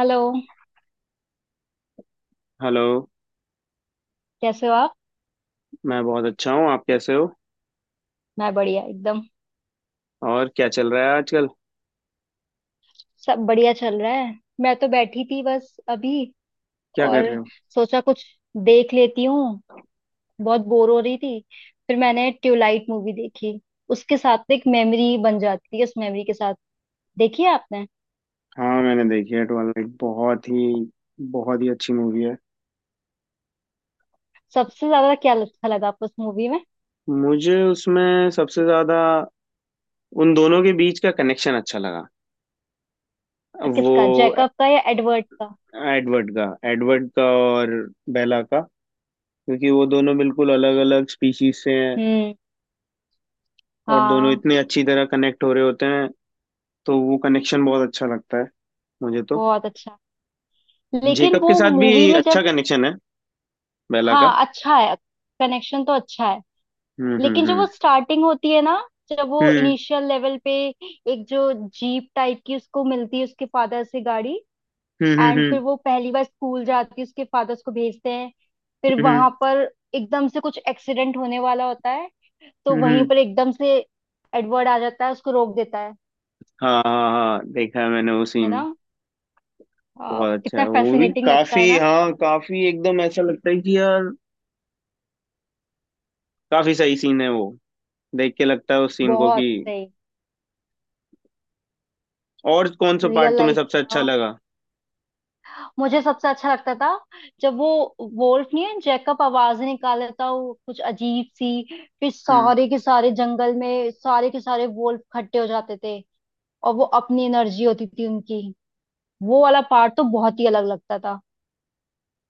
Hello. Hello. कैसे हो आप? मैं बहुत अच्छा हूँ। आप कैसे हो? मैं बढ़िया एकदम। और क्या चल रहा है आजकल? सब बढ़िया चल रहा है, मैं तो बैठी थी बस अभी क्या कर और रहे हो? सोचा कुछ देख लेती हूँ। बहुत बोर हो रही थी, फिर मैंने ट्यूबलाइट मूवी देखी। उसके साथ एक मेमोरी बन जाती है, उस मेमोरी के साथ। देखी है आपने? हाँ, मैंने देखी है ट्वेलाइट। बहुत ही अच्छी मूवी है। सबसे ज्यादा क्या अच्छा लगा आपको उस मूवी में? मुझे उसमें सबसे ज्यादा उन दोनों के बीच का कनेक्शन अच्छा लगा। वो किसका, जैकब का या एडवर्ड का? एडवर्ड का और बेला का। क्योंकि वो दोनों बिल्कुल अलग अलग स्पीशीज से हैं। हम्म। और दोनों हाँ। इतने अच्छी तरह कनेक्ट हो रहे होते हैं, तो वो कनेक्शन बहुत अच्छा लगता है मुझे तो। बहुत अच्छा। लेकिन जेकब वो के साथ भी मूवी में अच्छा जब कनेक्शन है बेला का। हाँ अच्छा है, कनेक्शन तो अच्छा है। हम्म, हम्म, लेकिन जब हम्म, वो स्टार्टिंग होती है ना, जब वो हम्म, इनिशियल लेवल पे एक जो जीप टाइप की उसको मिलती है उसके फादर से गाड़ी। हम्म, एंड फिर हम्म, वो पहली बार स्कूल जाती है, उसके फादर उसको भेजते हैं। फिर हम्म, हम्म, वहां पर एकदम से कुछ एक्सीडेंट होने वाला होता है, तो हम्म, हम्म। वहीं पर एकदम से एडवर्ड आ जाता है, उसको रोक देता है। हाँ हाँ हाँ, देखा है मैंने वो है सीन। ना? बहुत अच्छा कितना है वो भी, फैसिनेटिंग लगता काफी, है ना। हाँ, काफी। एकदम ऐसा लगता है कि यार काफी सही सीन है वो। देख के लगता है उस सीन को बहुत कि। सही। और कौन सा पार्ट रियल तुम्हें लाइफ सबसे में अच्छा हो। लगा? मुझे सबसे अच्छा लगता था जब वो वोल्फ नहीं है, जैकब आवाज निकाल था वो कुछ अजीब सी, फिर हम्म। सारे के सारे जंगल में सारे के सारे वोल्फ इकट्ठे हो जाते थे और वो अपनी एनर्जी होती थी उनकी। वो वाला पार्ट तो बहुत ही अलग लगता था।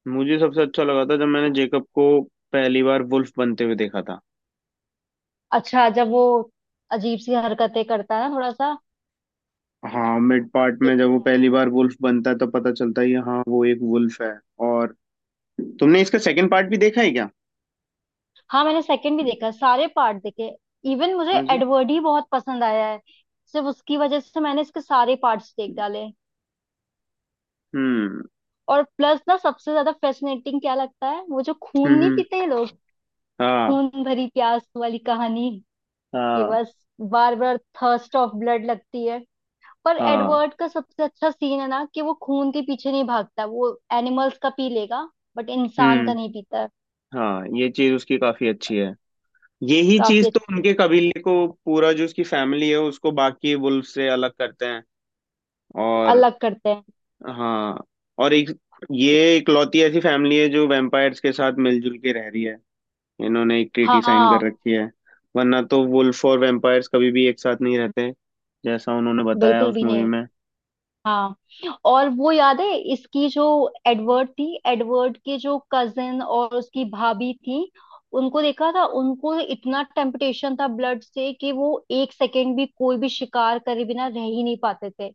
मुझे सबसे अच्छा लगा था जब मैंने जेकब को पहली बार वुल्फ बनते हुए देखा था। अच्छा जब वो अजीब सी हरकतें करता है ना, थोड़ा सा। हाँ, मिड पार्ट ये में तो जब वो है। पहली बार वुल्फ बनता है तो पता चलता है कि हाँ वो एक वुल्फ है। और तुमने इसका सेकंड पार्ट भी देखा है क्या? हाँ मैंने सेकंड भी देखा, सारे पार्ट देखे। इवन मुझे हाँ जी। एडवर्ड ही बहुत पसंद आया है। सिर्फ उसकी वजह से मैंने इसके सारे पार्ट्स देख डाले। हम्म, और प्लस ना सबसे ज्यादा फैसिनेटिंग क्या लगता है, वो जो खून हम्म, नहीं पीते हैं लोग, हाँ खून भरी प्यास वाली कहानी, कि हाँ बस बार बार थर्स्ट ऑफ ब्लड लगती है। पर हाँ। एडवर्ड का सबसे अच्छा सीन है ना, कि वो खून के पीछे नहीं भागता, वो एनिमल्स का पी लेगा बट इंसान का हम्म। नहीं पीता है। हाँ, ये चीज उसकी काफी अच्छी है। यही काफी चीज तो अच्छी है। उनके कबीले को, पूरा जो उसकी फैमिली है उसको, बाकी वुल्फ से अलग करते हैं। और अलग करते हैं। हाँ। और एक, ये इकलौती ऐसी फैमिली है जो वैम्पायर्स के साथ मिलजुल के रह रही है। इन्होंने एक ट्रीटी साइन हाँ। कर रखी है। वरना तो वुल्फ और वैम्पायर्स कभी भी एक साथ नहीं रहते, जैसा उन्होंने बताया बिल्कुल उस भी मूवी नहीं। में। हाँ। और वो याद है इसकी जो एडवर्ड थी, एडवर्ड के जो कजिन और उसकी भाभी थी, उनको देखा था? उनको इतना टेम्पटेशन था ब्लड से कि वो एक सेकेंड भी कोई भी शिकार करे बिना रह ही नहीं पाते थे।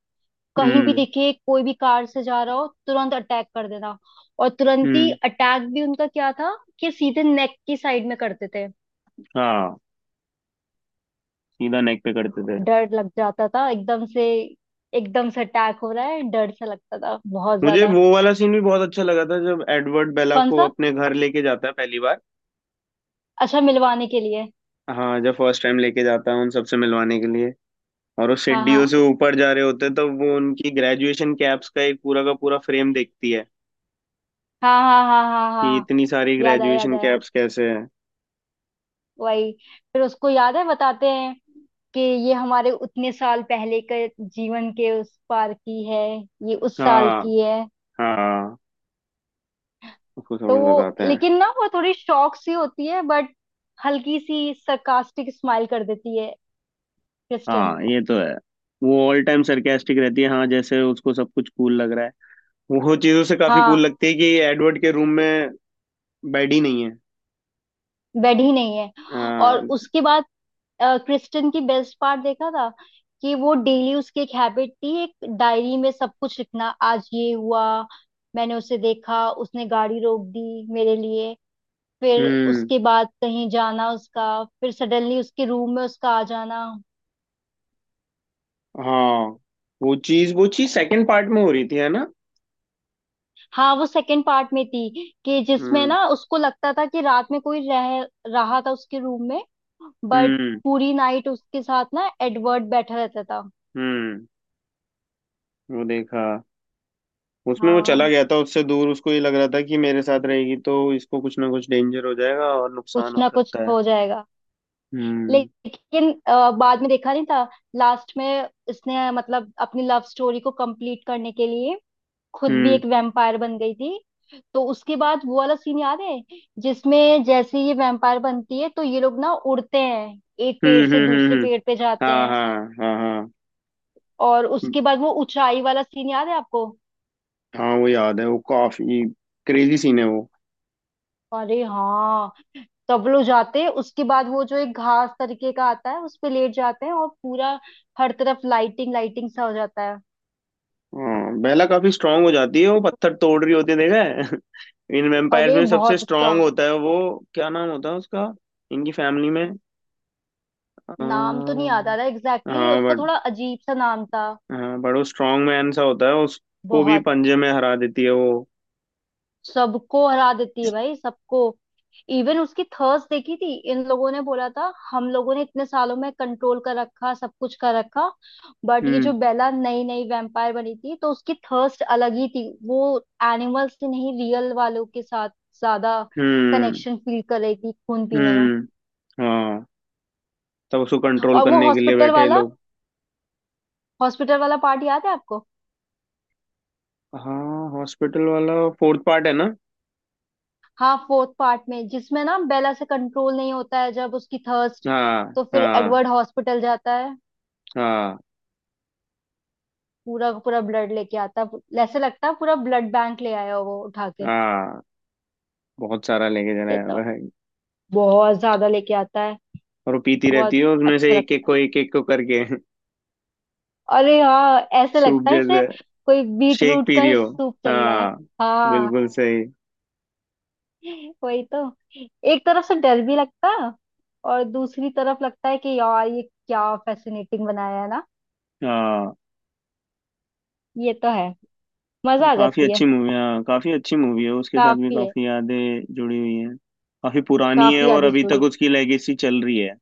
कहीं भी हम्म, देखे कोई भी कार से जा रहा हो, तुरंत अटैक कर देना। और तुरंत ही हम्म। अटैक भी उनका क्या था, कि सीधे नेक की साइड में करते थे। हाँ, सीधा नेक पे करते थे। डर लग जाता था एकदम से, एकदम से अटैक हो रहा है, डर सा लगता था बहुत मुझे ज्यादा। वो वाला सीन भी बहुत अच्छा लगा था जब एडवर्ड बेला कौन को सा? अपने घर लेके जाता है पहली बार। अच्छा, मिलवाने के लिए। हाँ, जब फर्स्ट टाइम लेके जाता है उन सबसे मिलवाने के लिए। और वो हाँ सीढ़ियों हाँ से ऊपर जा रहे होते हैं तो वो उनकी ग्रेजुएशन कैप्स का एक पूरा का पूरा फ्रेम देखती है हाँ हाँ हाँ हाँ कि हाँ। इतनी सारी याद आया, याद ग्रेजुएशन आया। कैप्स कैसे हैं। वही। फिर उसको याद है बताते हैं कि ये हमारे उतने साल पहले के जीवन के उस पार की है, ये उस साल हाँ की है। हाँ, उसको सब तो कुछ वो बताते हैं। लेकिन ना, वो थोड़ी शॉक सी होती है बट हल्की सी sarcastic स्माइल कर देती है क्रिस्टन। हाँ, ये तो है। वो ऑल टाइम सरकास्टिक रहती है। हाँ, जैसे उसको सब कुछ कूल लग रहा है। वो चीजों से काफी कूल हाँ। लगती है कि एडवर्ड के रूम में बेड ही नहीं है। बेड ही नहीं है। और हाँ। उसके बाद क्रिस्टन की बेस्ट पार्ट देखा था कि वो डेली उसकी एक हैबिट थी एक डायरी में सब कुछ लिखना, आज ये हुआ, मैंने उसे देखा, उसने गाड़ी रोक दी मेरे लिए, फिर हम्म। उसके बाद कहीं जाना उसका, फिर सडनली उसके रूम में उसका आ जाना। हाँ, वो चीज सेकंड पार्ट में हो रही थी है ना? हाँ वो सेकंड पार्ट में थी, कि जिसमें हम्म, ना उसको लगता था कि रात में कोई रह रहा था उसके रूम में, बट हम्म, पूरी नाइट उसके साथ ना एडवर्ड बैठा रहता था। हम्म। वो देखा, उसमें वो हाँ। चला गया था उससे दूर। उसको ये लग रहा था कि मेरे साथ रहेगी तो इसको कुछ ना कुछ डेंजर हो जाएगा और कुछ नुकसान हो ना कुछ सकता है। हो जाएगा। हम्म, लेकिन बाद में देखा नहीं था। लास्ट में इसने मतलब अपनी लव स्टोरी को कंप्लीट करने के लिए खुद भी हम्म, एक वैम्पायर बन गई थी। तो उसके बाद वो वाला सीन याद है, जिसमें जैसे ये वैम्पायर बनती है, तो ये लोग ना उड़ते हैं, एक हम्म, पेड़ से हम्म, हम्म, दूसरे पेड़ पे जाते हाँ हैं। हाँ हाँ हाँ। और उसके बाद वो ऊंचाई वाला सीन याद है आपको? हाँ वो याद है, वो काफी क्रेजी सीन है वो। अरे हाँ। तब लोग जाते हैं, उसके बाद वो जो एक घास तरीके का आता है उस पे लेट जाते हैं और पूरा हर तरफ लाइटिंग लाइटिंग सा हो जाता है। हाँ, बेला काफी स्ट्रांग हो जाती है। वो पत्थर तोड़ रही होती है, देखा है। इन वेम्पायर्स अरे में सबसे बहुत। स्ट्रांग होता है वो। क्या नाम होता है उसका इनकी फैमिली में? नाम तो नहीं याद आ हाँ, रहा एग्जैक्टली, हाँ उसका थोड़ा बट, अजीब सा नाम था। हाँ बट वो स्ट्रॉन्ग मैन सा होता है। उसको भी बहुत। पंजे में हरा देती है वो। सबको हरा देती है भाई, सबको। इवन उसकी थर्स देखी थी, इन लोगों ने बोला था हम लोगों ने इतने सालों में कंट्रोल कर रखा, सब कुछ कर रखा, बट ये जो हम्म, बेला नई नई वैम्पायर बनी थी तो उसकी थर्स्ट अलग ही थी। वो एनिमल्स से नहीं, रियल वालों के साथ ज्यादा हम्म, कनेक्शन फील कर रही थी खून पीने में। हम्म। हाँ, तब उसको कंट्रोल और वो करने के लिए हॉस्पिटल बैठे हैं वाला, लोग। हॉस्पिटल वाला पार्ट याद है आपको? हाँ, हॉस्पिटल वाला। फोर्थ पार्ट है ना? हाँ फोर्थ पार्ट में जिसमें ना बेला से कंट्रोल नहीं होता है जब उसकी थर्स्ट। हाँ तो फिर हाँ एडवर्ड हॉस्पिटल जाता है, हाँ पूरा का पूरा ब्लड लेके आता है, ऐसे लगता है पूरा ब्लड बैंक ले आया हो वो उठा के। हाँ। बहुत सारा लेके चला ये तो जाता है। बहुत ज्यादा लेके आता है। और वो पीती रहती बहुत है उसमें अच्छा से एक एक लगता है। को, एक एक को करके। अरे हाँ, ऐसे सूप लगता है जैसे जैसे कोई बीट शेक रूट पी रही का हो। सूप चल रहा है। हाँ, हाँ बिल्कुल सही। वही तो। एक तरफ से डर भी लगता है और दूसरी तरफ लगता है कि यार ये क्या फैसिनेटिंग बनाया है ना। हाँ, ये तो है। मजा आ काफी जाती है। अच्छी मूवी। हाँ, काफी अच्छी मूवी है। उसके साथ भी काफी है, काफी यादें जुड़ी हुई हैं। काफी पुरानी है काफी और यादें अभी तक जुड़ी। उसकी लेगेसी चल रही है।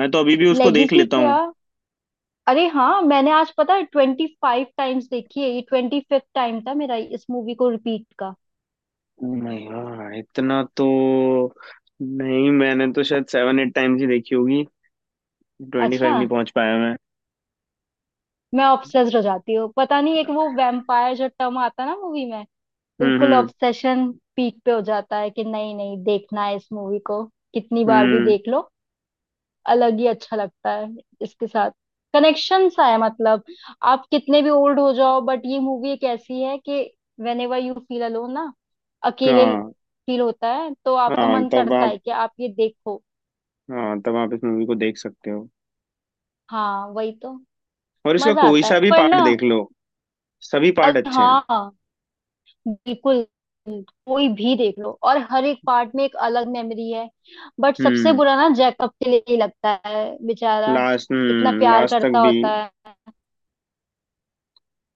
मैं तो अभी भी उसको देख लेगेसी लेता क्या? हूँ। अरे हाँ, मैंने आज पता है 25 टाइम्स देखी है, ये 25th टाइम था मेरा इस मूवी को रिपीट का। नहीं यार, इतना तो नहीं। मैंने तो शायद 7-8 टाइम्स ही देखी होगी। ट्वेंटी अच्छा। फाइव नहीं पहुंच पाया मैं। मैं ऑब्सेस्ड हो जाती हूँ, पता नहीं एक वो वैम्पायर जो टर्म आता है ना मूवी में, हम्म, बिल्कुल हम्म, ऑब्सेशन पीक पे हो जाता है कि नहीं नहीं देखना है इस मूवी को, कितनी बार भी हम्म। देख लो अलग ही अच्छा लगता है। इसके साथ कनेक्शन सा है मतलब, आप कितने भी ओल्ड हो जाओ बट ये मूवी एक ऐसी है कि whenever you feel alone ना, अकेले हाँ फील होता है तो आपका हाँ मन तब करता आप है कि आप ये देखो। हाँ तब आप इस मूवी को देख सकते हो। हाँ वही तो। और इसका मजा कोई आता सा है भी पर पार्ट ना। देख लो। सभी पार्ट अरे अच्छे हैं। हाँ, बिल्कुल। कोई भी देख लो, और हर एक पार्ट में एक अलग मेमोरी है। बट सबसे हम्म। बुरा ना जैकब के लिए ही लगता है, बेचारा लास्ट, इतना प्यार लास्ट तक करता भी होता है,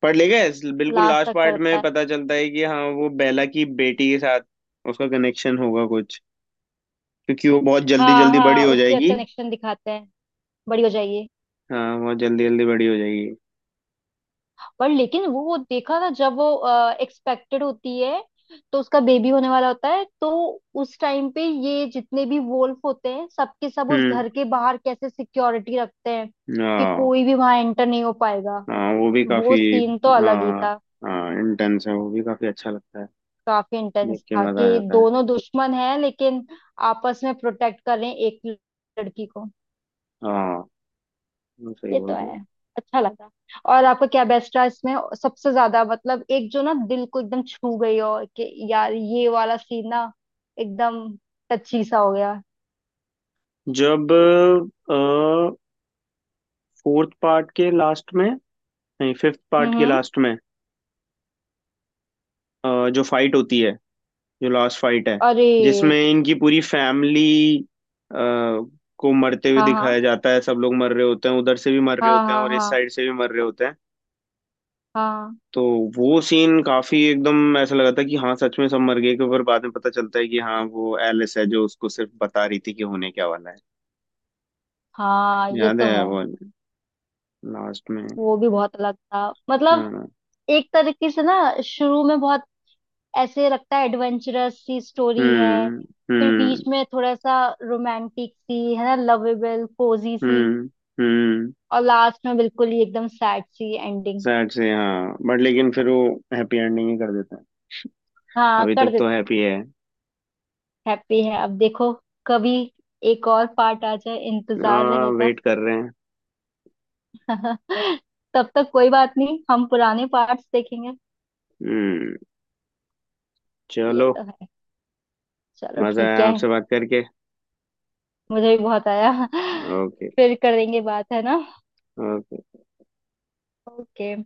पढ़ ले गए। बिल्कुल लास्ट लास्ट तक पार्ट करता में है। पता चलता है कि हाँ वो बेला की बेटी के साथ उसका कनेक्शन होगा कुछ। क्योंकि वो बहुत जल्दी हाँ जल्दी बड़ी हाँ, हो उसके जाएगी। कनेक्शन दिखाते हैं, बड़ी हो जाइए। हाँ, बहुत जल्दी जल्दी बड़ी हो जाएगी। पर लेकिन वो देखा ना, जब वो एक्सपेक्टेड होती है तो उसका बेबी होने वाला होता है, तो उस टाइम पे ये जितने भी वोल्फ होते हैं सबके सब उस हम्म। घर के बाहर कैसे सिक्योरिटी रखते हैं कि हाँ कोई भी वहां एंटर नहीं हो पाएगा। हाँ, वो भी वो काफी। सीन तो अलग ही हाँ था। हाँ, इंटेंस है, वो भी काफी अच्छा लगता है। काफी इंटेंस देख के था मजा आ कि जाता है। दोनों दुश्मन हैं लेकिन आपस में प्रोटेक्ट कर रहे हैं एक लड़की को। हाँ, वो सही ये तो बोल रहे हो। है, अच्छा लगा। और आपका क्या बेस्ट रहा इसमें, सबसे ज्यादा? मतलब एक जो ना दिल को एकदम छू गई हो कि यार ये वाला सीन ना, एकदम टची सा हो गया। जब फोर्थ पार्ट के लास्ट में, नहीं, फिफ्थ पार्ट हम्म के हम्म। लास्ट में, जो फाइट होती है, जो लास्ट फाइट है, अरे जिसमें इनकी पूरी फैमिली को मरते हुए हाँ हाँ दिखाया जाता है। सब लोग मर रहे होते हैं, उधर से भी मर रहे हाँ होते हैं हाँ और इस हाँ साइड से भी मर रहे होते हैं। हाँ तो वो सीन काफी एकदम ऐसा लगा था कि हाँ सच में सब मर गए, के ऊपर बाद में पता चलता है कि हाँ वो एलिस है जो उसको सिर्फ बता रही थी कि होने क्या वाला है। हाँ। ये याद तो है है। वो, लास्ट में? वो भी बहुत अलग था मतलब, हाँ। एक तरीके से ना, शुरू में बहुत ऐसे लगता है एडवेंचरस सी स्टोरी है, हम्म, फिर हम्म, बीच में थोड़ा सा रोमांटिक सी है ना, लवेबल कोजी सी, हम्म, हम्म। और लास्ट में बिल्कुल ही एकदम सैड सी एंडिंग। सैड से हाँ, बट लेकिन फिर वो हैप्पी एंडिंग ही कर देता है। हाँ अभी कर तक तो देते। हैप्पी है। हैप्पी है, अब देखो कभी एक और पार्ट आ जाए, इंतजार हाँ, रहेगा। वेट कर रहे हैं। तब तक कोई बात नहीं, हम पुराने पार्ट्स देखेंगे। हम्म। ये चलो। तो है। चलो मजा ठीक आया है। आपसे बात करके। मुझे भी बहुत आया। ओके। फिर करेंगे बात, है ना? ओके। ओके।